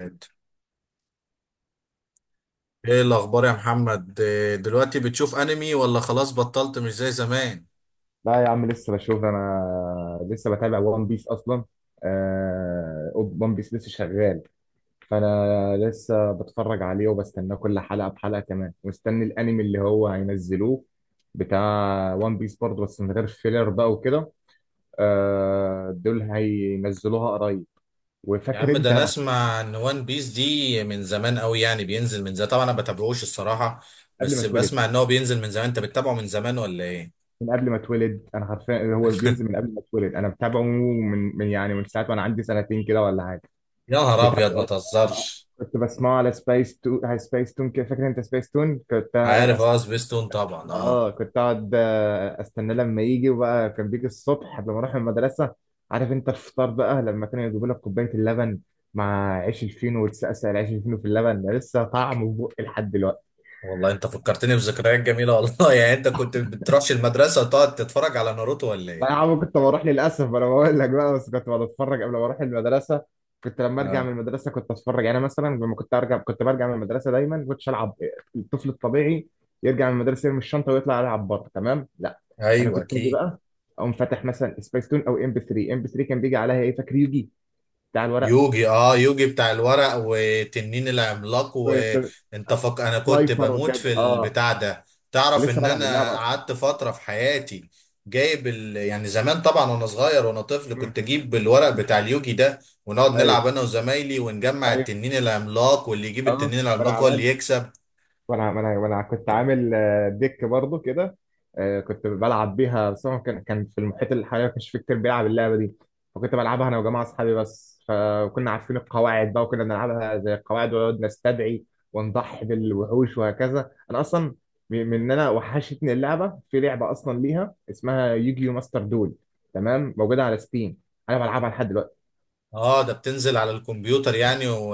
ايه الاخبار يا محمد؟ إيه دلوقتي، بتشوف انمي ولا خلاص بطلت مش زي زمان؟ لا يا عم لسه بشوف. انا لسه بتابع وان بيس اصلا. آه، وان بيس لسه شغال، فانا لسه بتفرج عليه وبستناه كل حلقه بحلقه. كمان مستني الانمي اللي هو هينزلوه بتاع وان بيس برضه، بس من غير فيلر بقى وكده. آه، دول هينزلوها قريب. يا وفاكر عم ده انت انا بقى؟ اسمع ان وان بيس دي من زمان قوي، يعني بينزل من زمان. طبعا انا ما بتابعوش الصراحه، قبل ما بس اتولد، بسمع ان هو بينزل من زمان. انت بتتابعه من زمان ولا ايه؟ من قبل ما اتولد انا حرفيا، هو بينزل من قبل ما اتولد انا. متابعه من يعني من ساعه وانا عندي سنتين كده ولا حاجه. يا نهار ابيض، ما بتابعه. تهزرش. كنت بسمعه على سبايس تون، على سبايس تون كده. فاكر انت سبايس تون؟ كنت عارف، أست... اه سبيستون طبعا، اه. اه كنت اقعد استنى لما يجي. وبقى كان بيجي الصبح لما اروح المدرسه. عارف انت الفطار بقى لما كانوا يجيبوا لك كوبايه اللبن مع عيش الفينو، وتسقسق العيش الفينو في اللبن، ده لسه طعمه في بقي لحد دلوقتي. والله انت فكرتني بذكريات جميله والله. يعني انت كنت بتروحش المدرسه وتقعد تتفرج على ناروتو ولا لا يا ايه؟ عم كنت بروح، للاسف انا بقول لك بقى، بس كنت بتفرج قبل ما اروح المدرسه. كنت لما ارجع من اه المدرسه كنت اتفرج. يعني مثلا لما كنت ارجع، كنت برجع من المدرسه دايما كنتش العب الطفل الطبيعي، يرجع من المدرسه يرمي الشنطه ويطلع يلعب بره. تمام؟ لا، انا ايوه كنت اجي اكيد. بقى اقوم فاتح مثلا سبيس تون او ام بي 3. ام بي 3 كان بيجي عليها ايه فاكر؟ يوجي بتاع الورق. يوجي، اه يوجي بتاع الورق وتنين العملاق، انا كنت سلايفر بموت في وكده، اه. البتاع ده. أنا تعرف لسه ان بلعب انا اللعبه اصلا. قعدت فترة في حياتي يعني زمان طبعا، وانا صغير وانا طفل، امم. كنت اجيب الورق بتاع اليوجي ده، ونقعد ايوه. نلعب انا وزمايلي ونجمع ايوه. التنين العملاق، واللي يجيب اه التنين ما انا العملاق هو اللي عمال. يكسب. وانا كنت عامل ديك برضو كده. كنت بلعب بيها، بس هو كان في المحيط اللي حواليا ما كانش في كتير بيلعب اللعبه دي. فكنت بلعبها انا وجماعه اصحابي بس. فكنا عارفين القواعد بقى، وكنا بنلعبها زي القواعد ونقعد نستدعي ونضحي بالوحوش وهكذا. انا اصلا م- من ان انا وحشتني اللعبه. في لعبه اصلا ليها اسمها يوجيو ماستر دول، تمام؟ موجوده على ستيم، انا بلعبها لحد دلوقتي. اه ده بتنزل على الكمبيوتر يعني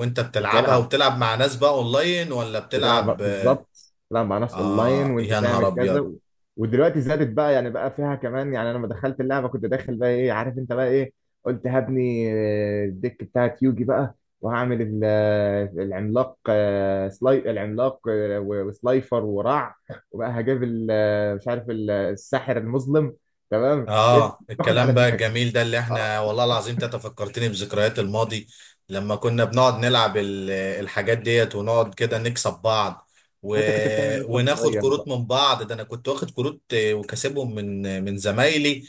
وانت بتلعبها وبتلعب. وبتلعب مع ناس بقى اونلاين ولا بتلعب بتلعب؟ بالظبط. تلعب مع ناس اونلاين اه وانت يا نهار تعمل كذا ابيض. ودلوقتي زادت بقى. يعني بقى فيها كمان يعني. انا لما دخلت اللعبه كنت داخل بقى ايه، عارف انت بقى ايه؟ قلت هبني الديك بتاعت يوجي بقى، وهعمل العملاق، آه، سلاي العملاق، وسلايفر ورع. وبقى هجيب مش عارف الساحر المظلم. تمام؟ لقيت اه باخد على الكلام بقى دماغي. الجميل ده اللي احنا، اه. والله العظيم انت فكرتني بذكريات الماضي، لما كنا بنقعد نلعب الحاجات ديت، ونقعد كده آه. نكسب بعض و... وانت كنت بتعمل ايه وانت وناخد صغير؟ كروت من بعض. ده انا كنت واخد كروت وكاسبهم من من زمايلي،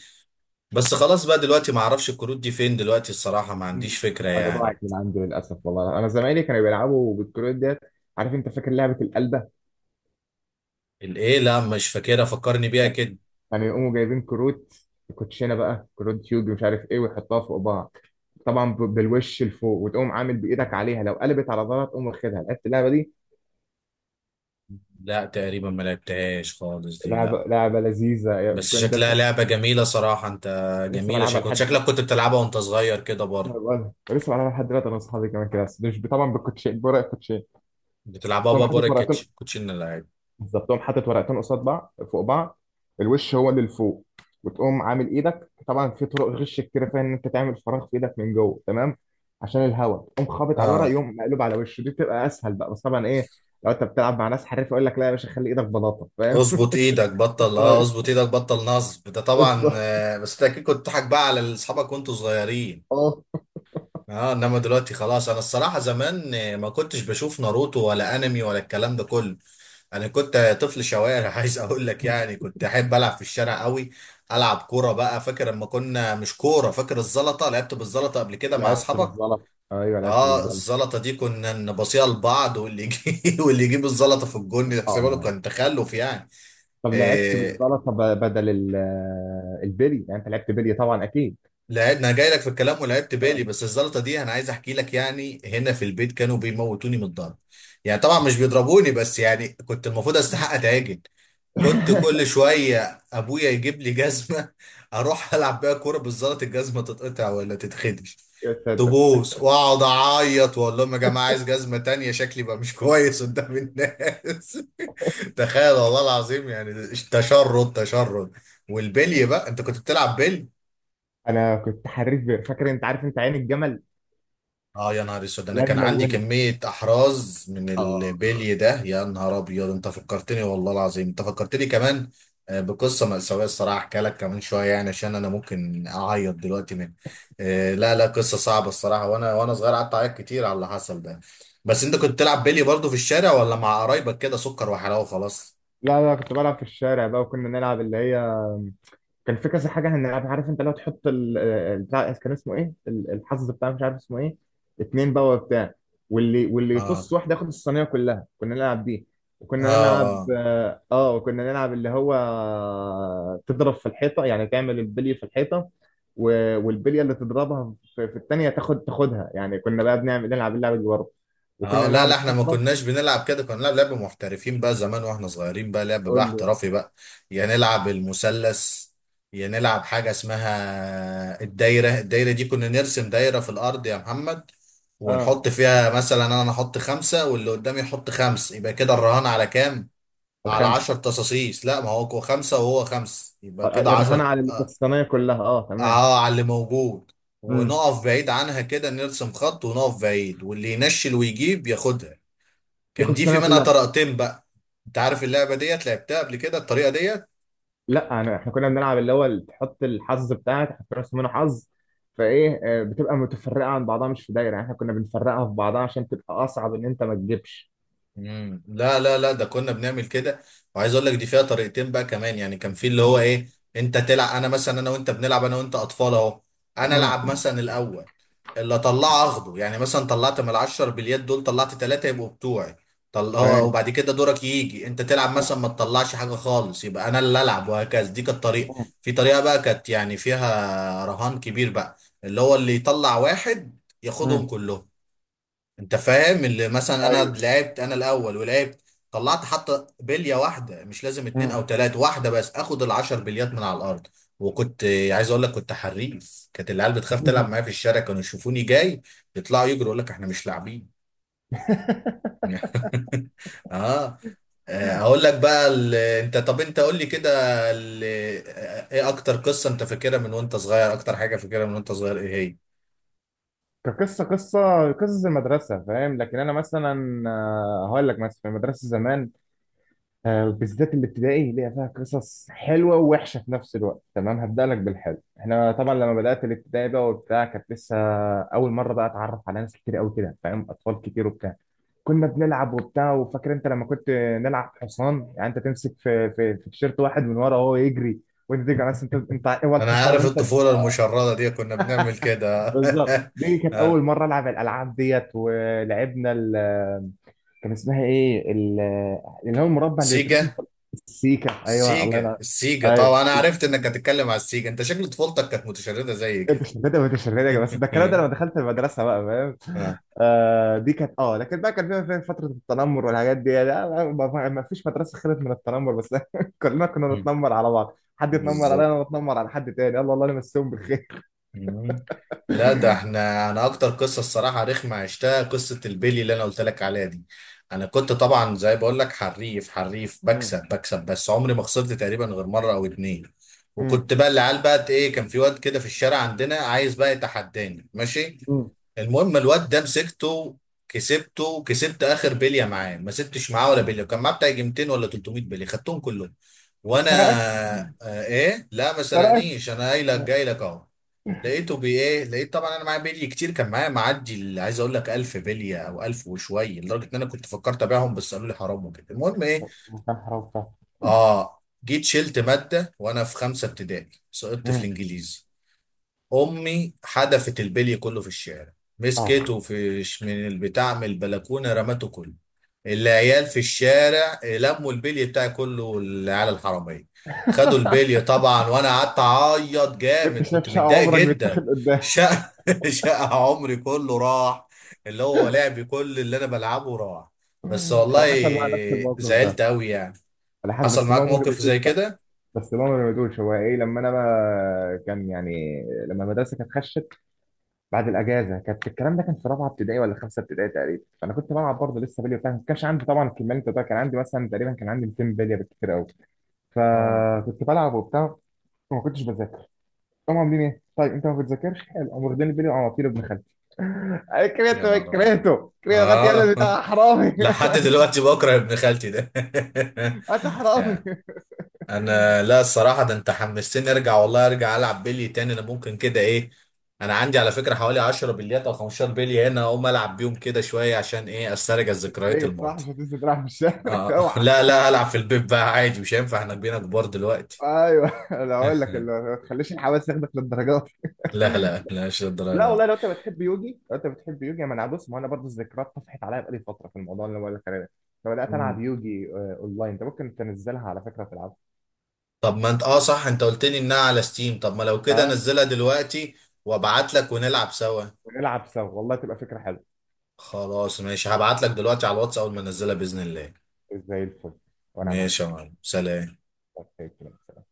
بس خلاص بقى دلوقتي ما اعرفش الكروت دي فين دلوقتي الصراحة، ما عنديش فكرة انا يعني. ضاعت من عنده للاسف. والله انا زمايلي كانوا بيلعبوا بالكروت ديت. عارف انت؟ فاكر لعبه القلبه؟ الايه؟ لا مش فاكرها، فكرني بيها كده. كانوا يقوموا جايبين كروت، كوتشينه بقى، كروت يوجي مش عارف ايه، ويحطها فوق بعض. طبعا بالوش لفوق، وتقوم عامل بايدك عليها. لو قلبت على ظهرها تقوم واخدها. لعبت اللعبه دي؟ لا تقريبا ما لعبتهاش خالص دي، لا. لعبه لذيذه. بس شكلها لعبة جميلة صراحة. انت لسه جميلة، بلعبها شكلك لحد شكلك دلوقتي. كنت بتلعبها وانت صغير كده برضه. لسه بلعبها لحد دلوقتي، انا واصحابي كمان كده. بس مش طبعا بالكوتشين، بورق الكوتشين. بتلعبها تقوم بقى حاطط بره ورقتين، الكوتشينه اللعيب. بالظبط، تقوم حاطط ورقتين قصاد بعض فوق بعض، الوش هو اللي لفوق. وتقوم عامل ايدك. طبعا في طرق غش كتير فيها، ان انت تعمل فراغ في ايدك من جوه، تمام؟ عشان الهواء تقوم خابط على الورق اه، يقوم مقلوب على وشه. دي بتبقى اسهل بقى، بس طبعا ايه، لو انت بتلعب مع ناس حريف يقول لك لا يا باشا خلي ايدك بلاطه، فاهم؟ اظبط ايدك بطل، اه ايوه، اظبط ايدك بطل نصب ده طبعا، بالظبط. بس انت اكيد كنت بتضحك بقى على اصحابك وانتوا صغيرين. اه. اه، انما دلوقتي خلاص انا الصراحه. زمان ما كنتش بشوف ناروتو ولا انمي ولا الكلام ده كله. انا كنت طفل شوارع عايز اقول لك، يعني كنت احب العب في الشارع قوي. العب كوره بقى. فاكر لما كنا مش كوره، فاكر الزلطه؟ لعبت بالزلطه قبل كده مع لعبت اصحابك؟ بالزلط، ايوه لعبت اه بالزلط. الزلطه دي كنا نبصيها لبعض، واللي يجيب واللي يجيب الزلطه في الجون يحسبها له، اه. كان تخلف يعني. طب لعبت آه، بالزلطه بدل البلي يعني؟ انت لعبت بلي طبعا اكيد. لعب، انا جاي لك في الكلام، ولعبت آه. بالي، بس الزلطه دي انا عايز احكي لك يعني. هنا في البيت كانوا بيموتوني من الضرب، يعني طبعا مش بيضربوني، بس يعني كنت المفروض استحق اتعجن. كنت كل شويه ابويا يجيب لي جزمه، اروح العب بيها كوره بالزلط، الجزمه تتقطع ولا تتخدش، تبوس، واقعد اعيط واقول لهم يا جماعه عايز جزمه تانية، شكلي بقى مش كويس قدام الناس. تخيل والله العظيم يعني. تشرد تشرد. والبلي بقى، انت كنت بتلعب بلي؟ انا كنت حريف بير. فاكر انت؟ عارف انت عين الجمل؟ اه يا نهار اسود، انا لا، كان عندي ملونه. كمية احراز من اه. البلي ده. يا نهار ابيض، انت فكرتني والله العظيم، انت فكرتني كمان بقصة مأساوية الصراحة. احكي لك كمان شوية يعني، عشان انا ممكن اعيط دلوقتي من لا لا، قصة صعبة الصراحة. وانا صغير قعدت اعيط كتير على اللي حصل ده. بس انت كنت تلعب بلي برضه في الشارع، ولا مع قرايبك كده سكر وحلاوة خلاص؟ لا لا كنت بلعب في الشارع بقى. وكنا نلعب اللي هي، كان في كذا حاجه هنلعبها. عارف انت؟ لو تحط بتاع، كان اسمه ايه الحظ بتاع، مش عارف اسمه ايه، اتنين بقى وبتاع، واللي اه يطص واحد ياخد الصينيه كلها. كنا نلعب دي. وكنا نلعب اه اه، وكنا نلعب اللي هو، تضرب في الحيطه. يعني تعمل البلي في الحيطه، والبليه اللي تضربها في الثانيه تاخدها يعني. كنا بقى بنعمل نلعب اللعبه دي برضه. اه. وكنا لا نلعب لا احنا ما الحفره. كناش بنلعب كده، كنا بنلعب لعب محترفين بقى. زمان واحنا صغيرين بقى لعب بقى قول لي بقى. احترافي بقى. يا نلعب المثلث، يا نلعب حاجة اسمها الدايرة. الدايرة دي كنا نرسم دايرة في الأرض يا محمد، اه. ونحط فيها مثلا. أنا أحط خمسة واللي قدامي يحط خمس، يبقى كده الرهان على كام؟ على عشر الخمس. تصاصيص. لا، ما هو هو خمسة وهو خمس، يبقى كده الرهان عشر، على اللي كانت اه. الصينيه كلها، اه، تمام. على اللي موجود. امم. ونقف بعيد عنها كده، نرسم خط ونقف بعيد، واللي ينشل ويجيب ياخدها. ياخد كان دي في الصينيه منها كلها. طريقتين بقى. انت عارف اللعبه ديت؟ لعبتها قبل كده الطريقه ديت؟ لا أنا، إحنا كنا بنلعب اللي هو اللي تحط الحظ بتاعك، تحط راس منه حظ، فإيه بتبقى متفرقة عن بعضها مش في دايرة يعني. إحنا كنا بنفرقها في بعضها عشان تبقى أصعب إن أنت ما تجيبش. مم. لا ده كنا بنعمل كده. وعايز اقول لك دي فيها طريقتين بقى كمان، يعني كان في اللي هو مم. ايه، انت تلعب. انا مثلا، انا وانت بنلعب، انا وانت اطفال اهو، انا مم. العب مثلا الاول، اللي اطلعه اخده. يعني مثلا طلعت من العشر باليد دول طلعت ثلاثه، يبقوا بتوعي. تمام. وبعد كده دورك يجي انت تلعب، مم. مثلا ما تطلعش حاجه خالص، يبقى انا اللي العب، وهكذا. دي كانت طريقه. مم. في طريقه بقى كانت يعني فيها رهان كبير بقى، اللي هو اللي يطلع واحد ياخدهم مم. كلهم. انت فاهم؟ اللي مثلا انا ايوه. لعبت، انا الاول ولعبت، طلعت حتى بليه واحده، مش لازم اتنين او مم. تلاته، واحده بس، اخد العشر بليات من على الارض. وكنت عايز اقول لك كنت حريف، كانت العيال بتخاف تلعب معايا في الشارع، كانوا يشوفوني جاي يطلعوا يجروا، يقول لك احنا مش لاعبين. اه. اقول لك بقى انت، طب انت قول لي كده ال... آه، ايه اكتر قصه انت فاكرها من وانت صغير؟ اكتر حاجه فاكرها من وانت صغير ايه هي؟ كقصه، قصص المدرسه فاهم؟ لكن انا مثلا هقول لك مثلا. في المدرسه زمان، بالذات الابتدائي، ليها فيها قصص حلوه ووحشه في نفس الوقت، تمام؟ هبدا لك بالحلو. احنا طبعا لما بدات الابتدائي بقى وبتاع، كانت لسه اول مره بقى اتعرف على ناس كتير قوي كده، فاهم؟ اطفال كتير وبتاع. كنا بنلعب وبتاع. وفاكر انت لما كنت نلعب حصان؟ يعني انت تمسك في تيشيرت واحد من ورا، وهو يجري وانت تيجي على ناس. انت هو انا الحصان، عارف، وانت الطفوله المشرده دي كنا بنعمل كده. بالظبط. دي كانت اول آه. مره العب الالعاب ديت. ولعبنا، كان اسمها ايه اللي هو المربع اللي بيترسم سيجا. السيكا، ايوه الله سيجا، ينور. السيجا ايوه طبعا، انا عرفت انك هتتكلم على السيجا، انت شكل طفولتك كانت متشردة زي كده. التيشيرتات، والتيشيرتات يا جماعه. بس ده الكلام ده لما دخلت المدرسه بقى، فاهم؟ اه. آه دي كانت، اه. لكن بقى كان فيها فتره التنمر والحاجات دي. لا ما فيش مدرسه خلت من التنمر، بس كلنا كنا مم. بنتنمر على بعض. حد يتنمر عليا بالظبط. وانا بتنمر على حد تاني، يلا الله يمسيهم بالخير. مم. لا ده احنا، انا اكتر قصه الصراحه رخمه عشتها قصه البيلي اللي انا قلت لك عليها دي. انا كنت طبعا زي بقول لك حريف حريف، امم. بكسب بكسب، بس عمري ما خسرت تقريبا غير مره او اتنين. امم. وكنت بقى العيال بقى ايه، كان في واد كده في الشارع عندنا عايز بقى يتحداني، ماشي. امم. المهم الواد ده مسكته، كسبته، كسبت اخر بليه معاه، ما سبتش معاه ولا بليه. كان معاه بتاع يجي 200 ولا 300 بليه، خدتهم كلهم وانا وسرقك؟ آه ايه، لا ما سرقك. سرقنيش، انا قايل لك يا جاي لك اهو. لقيته بي ايه، لقيت طبعا انا معايا بلي كتير، كان معايا معدي عايز اقول لك 1000 بليه او 1000 وشويه، لدرجه ان انا كنت فكرت ابيعهم بس قالوا لي حرام وكده. المهم ايه، نهار أبيض. اه جيت شلت ماده وانا في خمسه ابتدائي، سقطت في امم. الانجليزي. امي حدفت البلي كله في الشارع، اه. مسكته من البتاع من البلكونه رمته كله. العيال في الشارع لموا البلي بتاعي كله، العيال الحراميه خدوا البلي طبعا، وانا قعدت اعيط وانت جامد، شايف كنت شقه متضايق عمرك جدا. بيتاخد قدام. شقى، شقى عمري كله راح، اللي هو لعبي كل اللي انا بلعبه راح. بس والله انا حصل معايا نفس الموقف زعلت ده. قوي يعني. انا حصل حصل بس معاك ماما ما موقف رميتوش زي بقى. كده؟ بس ماما ما رميتوش. هو ايه لما انا بقى كان يعني، لما المدرسه كانت خشت بعد الاجازه، كانت الكلام ده كان في رابعه ابتدائي ولا خمسه ابتدائي تقريبا. فانا كنت بلعب برضه لسه بلي وبتاع. ما كانش عندي طبعا الكميه اللي انت بتقولها، كان عندي مثلا تقريبا، كان عندي 200 بليه بالكتير قوي. اه فكنت بلعب وبتاع وما كنتش بذاكر. هم عاملين ايه؟ طيب انت ما بتذاكرش؟ حلو. قاموا واخدين البلي وعواطير ابن خالتي. أنا يا كرهته نهار ابيض. كرهته كرهته، غطي اه. قلبي ده حرامي. لحد دلوقتي بكره ابن خالتي ده. انت حرامي. يعني انا، لا الصراحه ده انت حمستني ارجع والله، ارجع العب بلي تاني، انا ممكن كده ايه، انا عندي على فكره حوالي 10 بليات او 15 بلي هنا، اقوم العب بيهم كده شويه، عشان ايه، استرجع ذكريات بيت صح، الماضي. مش هتنزل تلعب في الشارع. اه اوعى. لا لا، العب في البيت بقى عادي، مش هينفع احنا بقينا كبار دلوقتي. ايوه، انا هقول لك ما تخليش الحواس ياخدك للدرجات. لا لا لا مش لا للدرجه دي. والله، لو انت بتحب يوجي، لو انت بتحب يوجي، ما انا بص، ما انا برضه الذكريات طفحت عليا بقالي فتره في الموضوع اللي بقول لك عليه ده. فبدات مم. العب يوجي اونلاين. انت ممكن تنزلها على فكره تلعبها. طب ما انت، اه صح، انت قلت لي انها على ستيم، طب ما لو كده اه. نزلها دلوقتي وابعت لك ونلعب سوا. ونلعب سوا، والله تبقى فكره حلوه. خلاص ماشي، هبعت لك دلوقتي على الواتس اول ما انزلها باذن الله. زي الفل. وانا ماشي يا معاك. معلم، سلام. طيب،